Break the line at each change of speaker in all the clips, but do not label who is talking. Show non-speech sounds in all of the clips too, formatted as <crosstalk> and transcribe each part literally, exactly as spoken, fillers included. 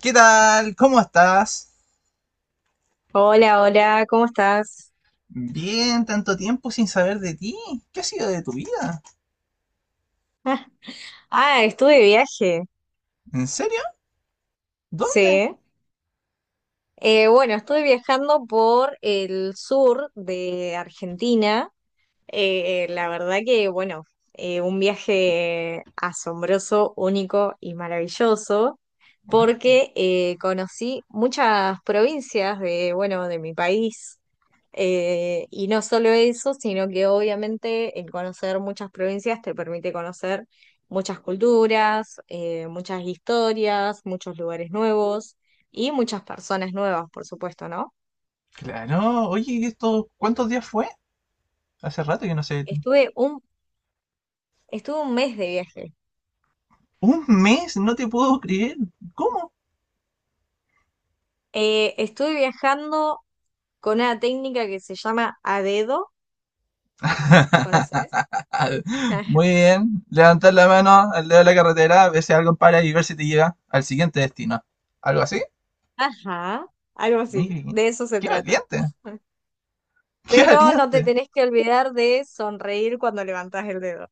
¿Qué tal? ¿Cómo estás?
Hola, hola, ¿cómo estás?
Bien, tanto tiempo sin saber de ti. ¿Qué ha sido de tu vida?
Ah, estuve de viaje,
¿En serio? ¿Dónde?
sí. Eh, bueno, estuve viajando por el sur de Argentina. Eh, eh, la verdad que, bueno, eh, un viaje asombroso, único y maravilloso,
Wow,
porque eh, conocí muchas provincias de, bueno, de mi país. Eh, y no solo eso, sino que obviamente el conocer muchas provincias te permite conocer muchas culturas, eh, muchas historias, muchos lugares nuevos y muchas personas nuevas, por supuesto, ¿no?
claro. Oye, ¿y esto cuántos días fue? Hace rato que no sé de ti.
Estuve un, estuve un mes de viaje.
Un mes, no te puedo creer. ¿Cómo?
Eh, estuve viajando con una técnica que se llama a dedo, ¿conoces?
<laughs> Muy
<laughs>
bien. Levantar la mano al lado de la carretera, ver si algo para y ver si te llega al siguiente destino. ¿Algo así?
Ajá, algo
Muy
así,
bien.
de eso se
Qué
trata.
valiente. Qué
Pero no te
valiente.
tenés que olvidar de sonreír cuando levantás el dedo.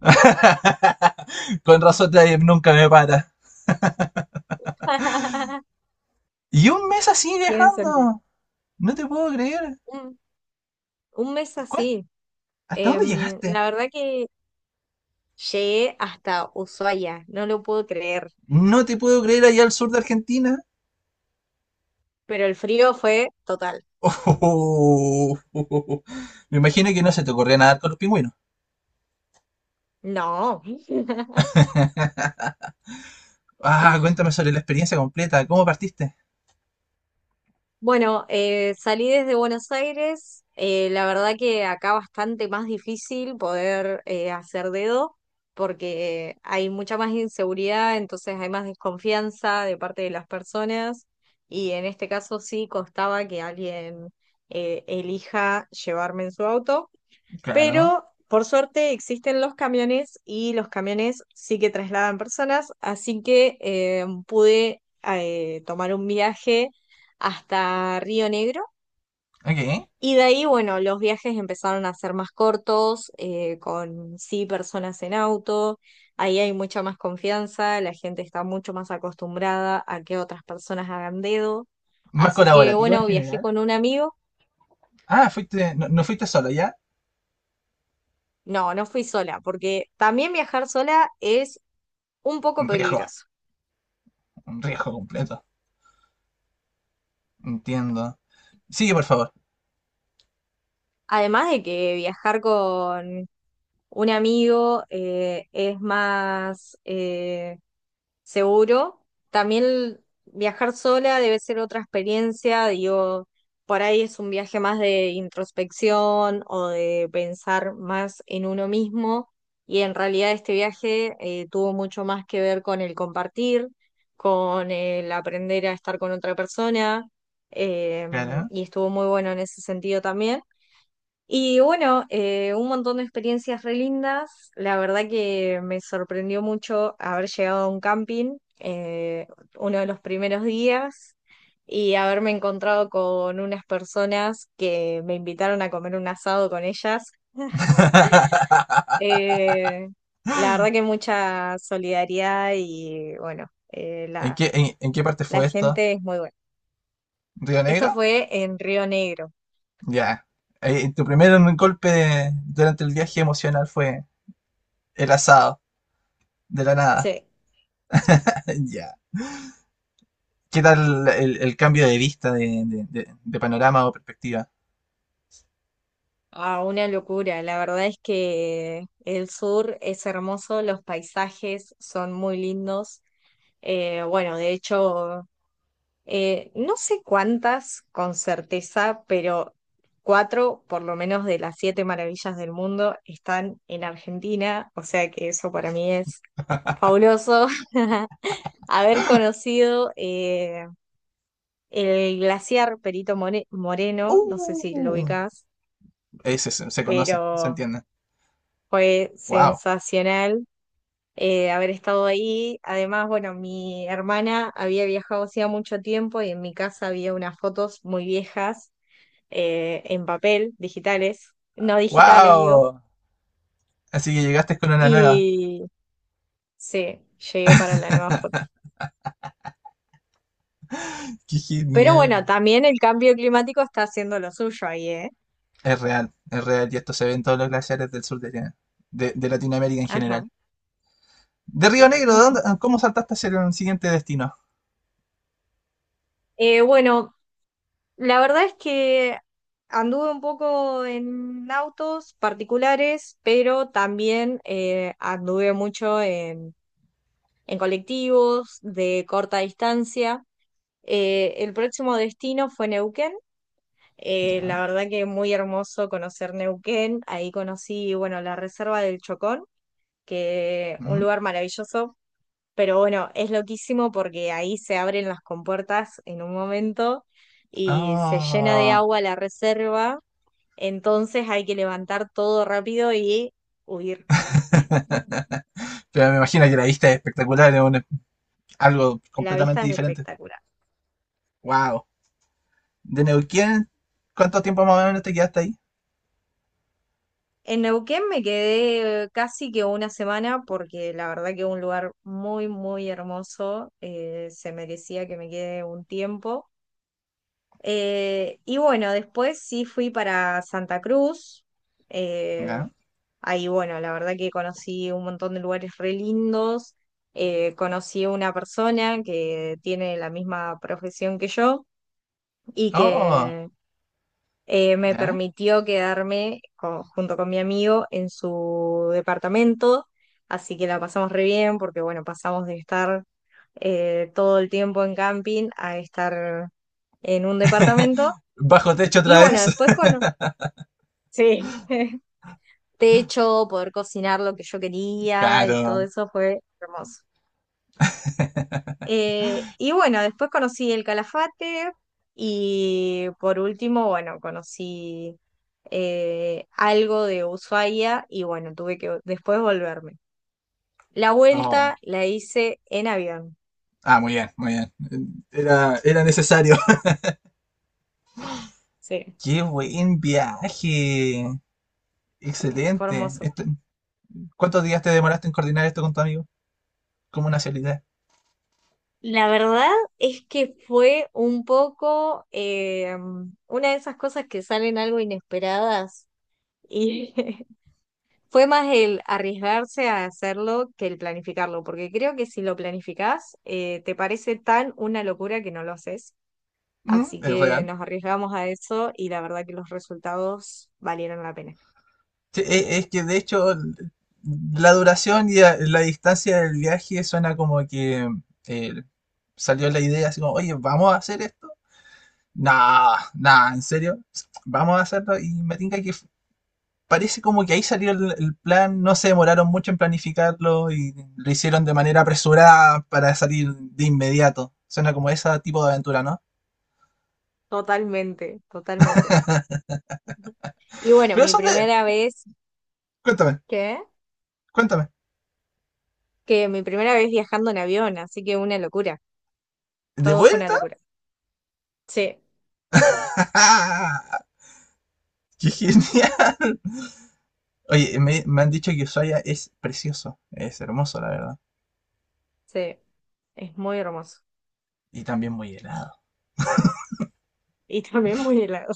<laughs> Con razón, nadie nunca me para.
<laughs>
Y un mes así
Tiene sentido.
viajando. No te puedo creer.
Un, un mes
¿Cuál-
así.
¿Hasta dónde
Em,
llegaste?
la verdad que llegué hasta Ushuaia, no lo puedo creer,
No te puedo creer allá al sur de Argentina.
pero el frío fue total.
<laughs> Me imagino que no se te ocurría nadar con los pingüinos.
No. <laughs>
<laughs> Ah, cuéntame sobre la experiencia completa. ¿Cómo partiste?
Bueno, eh, salí desde Buenos Aires. Eh, la verdad que acá bastante más difícil poder eh, hacer dedo, porque hay mucha más inseguridad, entonces hay más desconfianza de parte de las personas y en este caso sí costaba que alguien eh, elija llevarme en su auto.
Claro.
Pero por suerte existen los camiones y los camiones sí que trasladan personas, así que eh, pude eh, tomar un viaje hasta Río Negro.
Ok.
Y de ahí, bueno, los viajes empezaron a ser más cortos, eh, con sí personas en auto, ahí hay mucha más confianza, la gente está mucho más acostumbrada a que otras personas hagan dedo.
Más
Así que,
colaborativo en
bueno, viajé
general.
con un amigo.
Ah, fuiste, no, no fuiste solo, ¿ya?
No, no fui sola, porque también viajar sola es un poco
Un riesgo.
peligroso.
Un riesgo completo. Entiendo. Sigue, por favor.
Además de que viajar con un amigo eh, es más eh, seguro, también viajar sola debe ser otra experiencia, digo, por ahí es un viaje más de introspección o de pensar más en uno mismo y en realidad este viaje eh, tuvo mucho más que ver con el compartir, con el aprender a estar con otra persona. eh,
Claro.
y estuvo muy bueno en ese sentido también. Y bueno, eh, un montón de experiencias re lindas. La verdad que me sorprendió mucho haber llegado a un camping, eh, uno de los primeros días, y haberme encontrado con unas personas que me invitaron a comer un asado con ellas.
<laughs>
Eh, la verdad que mucha solidaridad y bueno, eh,
¿En
la,
qué, en en qué parte
la
fue esto?
gente es muy buena.
¿Río
Esto
Negro?
fue en Río Negro.
Ya. Eh, tu primer golpe de- durante el viaje emocional fue el asado, de la nada.
Sí.
<laughs> Ya. ¿Qué tal el, el cambio de vista de, de- de- de panorama o perspectiva?
Ah, una locura. La verdad es que el sur es hermoso, los paisajes son muy lindos. Eh, bueno, de hecho, eh, no sé cuántas con certeza, pero cuatro por lo menos de las siete maravillas del mundo están en Argentina, o sea que eso para mí es fabuloso. <laughs> Haber conocido eh, el glaciar Perito More- Moreno, no sé si lo
Uh,
ubicás,
ese se, se conoce, se
pero...
entiende.
Fue
Wow.
sensacional eh, haber estado ahí. Además, bueno, mi hermana había viajado hacía mucho tiempo y en mi casa había unas fotos muy viejas, eh, en papel, digitales, no digitales, digo.
Wow. Así que llegaste con una nueva.
Y sí, llegué para la nueva foto.
Qué
Pero bueno,
genial.
también el cambio climático está haciendo lo suyo ahí, ¿eh?
Es real, es real. Y esto se ve en todos los glaciares del sur de, de- de Latinoamérica en
Ajá.
general. De Río Negro,
Ujú.
¿dónde- ¿cómo saltaste hacia el siguiente destino?
Eh, bueno, la verdad es que anduve un poco en autos particulares, pero también eh, anduve mucho en, en colectivos de corta distancia. Eh, el próximo destino fue Neuquén. Eh,
Ya.
la verdad que muy hermoso conocer Neuquén. Ahí conocí, bueno, la Reserva del Chocón, que un
Mm.
lugar maravilloso. Pero bueno, es loquísimo porque ahí se abren las compuertas en un momento y se llena de
Ah.
agua la reserva, entonces hay que levantar todo rápido y huir.
<laughs> Pero me imagino que la vista es espectacular, es un- algo
La vista
completamente
es
diferente.
espectacular.
Wow. ¿De Neuquén? ¿Cuánto tiempo más o menos te quedaste ahí?
En Neuquén me quedé casi que una semana porque la verdad que es un lugar muy, muy hermoso. Eh, se merecía que me quede un tiempo. Eh, y bueno, después sí fui para Santa Cruz. eh,
Ya.
Ahí bueno, la verdad que conocí un montón de lugares re lindos. Eh, conocí a una persona que tiene la misma profesión que yo y
Oh,
que eh, me
ya.
permitió quedarme con- junto con mi amigo en su departamento, así que la pasamos re bien porque bueno, pasamos de estar eh, todo el tiempo en camping a estar en un
<laughs>
departamento
Bajo techo
y
otra
bueno,
vez.
después
<laughs>
con... Sí, <laughs> techo, poder cocinar lo que yo quería y todo
Claro.
eso fue hermoso. Eh, y bueno, después conocí el Calafate y por último, bueno, conocí eh, algo de Ushuaia y bueno, tuve que después volverme. La
Oh.
vuelta la hice en avión.
Ah, muy bien, muy bien. Era, era necesario. <laughs>
Sí,
Qué buen viaje.
fue
Excelente.
hermoso.
Esto- ¿cuántos días te demoraste en coordinar esto con tu amigo? ¿Cómo nacionalidad?
La verdad es que fue un poco eh, una de esas cosas que salen algo inesperadas y <laughs> fue más el arriesgarse a hacerlo que el planificarlo, porque creo que si lo planificás, eh, te parece tan una locura que no lo haces.
Mm,
Así
es
que
real.
nos arriesgamos a eso y la verdad que los resultados valieron la pena.
Sí, e- es que de hecho la duración y a- la distancia del viaje suena como que eh, salió la idea así como, oye, ¿vamos a hacer esto? Nah, nah, ¿en serio? Vamos a hacerlo y me tinca que f- parece como que ahí salió el, el plan, no se demoraron mucho en planificarlo y lo hicieron de manera apresurada para salir de inmediato. Suena como ese tipo de aventura, ¿no?
Totalmente, totalmente. Y bueno,
Pero
mi
son de...
primera vez,
Cuéntame,
¿qué?
cuéntame.
Que mi primera vez viajando en avión, así que una locura.
¿De
Todo fue una
vuelta?
locura. Sí,
<laughs> ¡Ah! ¡Qué genial! Oye, me, me han dicho que Ushuaia es precioso, es hermoso, la verdad.
sí, es muy hermoso.
Y también muy helado.
Y <laughs> también muy helado.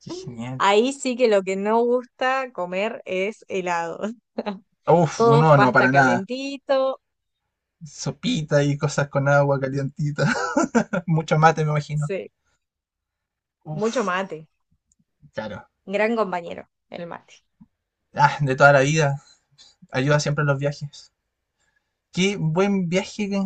Qué genial.
Ahí sí que lo que no gusta comer es helado. <laughs>
Uf,
Todo
no, no,
pasta
para nada.
calentito.
Sopita y cosas con agua calientita. <laughs> Mucho mate, me imagino.
Sí, mucho
Uf,
mate.
claro.
Gran compañero, el mate.
Ah, de toda la vida. Ayuda siempre en los viajes. Qué buen viaje que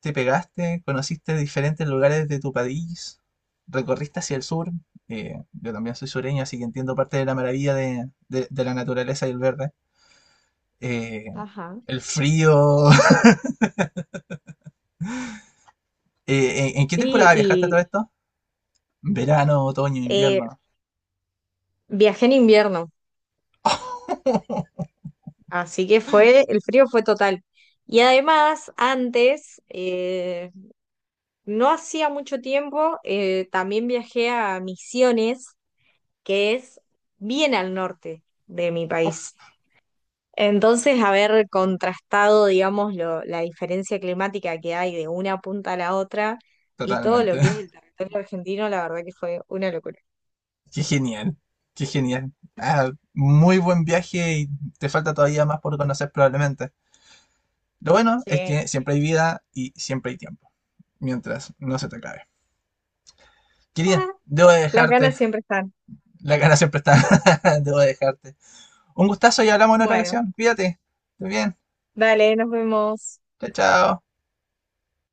te pegaste. Conociste diferentes lugares de tu país. Recorriste hacia el sur. Eh, yo también soy sureño, así que entiendo parte de la maravilla de, de- de la naturaleza y el verde. Eh,
Ajá.
el frío. <laughs> Eh, ¿en, en qué
Sí,
temporada viajaste a todo
y
esto? Verano, otoño,
eh,
invierno.
viajé en invierno, así que fue, el frío fue total. Y además, antes, eh, no hacía mucho tiempo, eh, también viajé a Misiones, que es bien al norte de mi país. Entonces, haber contrastado, digamos, lo- la diferencia climática que hay de una punta a la otra y todo lo
Totalmente.
que es
<laughs>
el territorio argentino, la verdad que fue una locura.
Qué genial. Qué genial. Ah, muy buen viaje y te falta todavía más por conocer probablemente. Lo bueno es
Sí.
que siempre hay vida y siempre hay tiempo. Mientras no se te acabe. Querida,
<laughs>
debo de
Las ganas
dejarte.
siempre están.
La cara siempre está. <laughs> Debo de dejarte. Un gustazo y hablamos en otra
Bueno,
ocasión. Cuídate. Estés bien.
dale, nos vemos.
Chao, chao.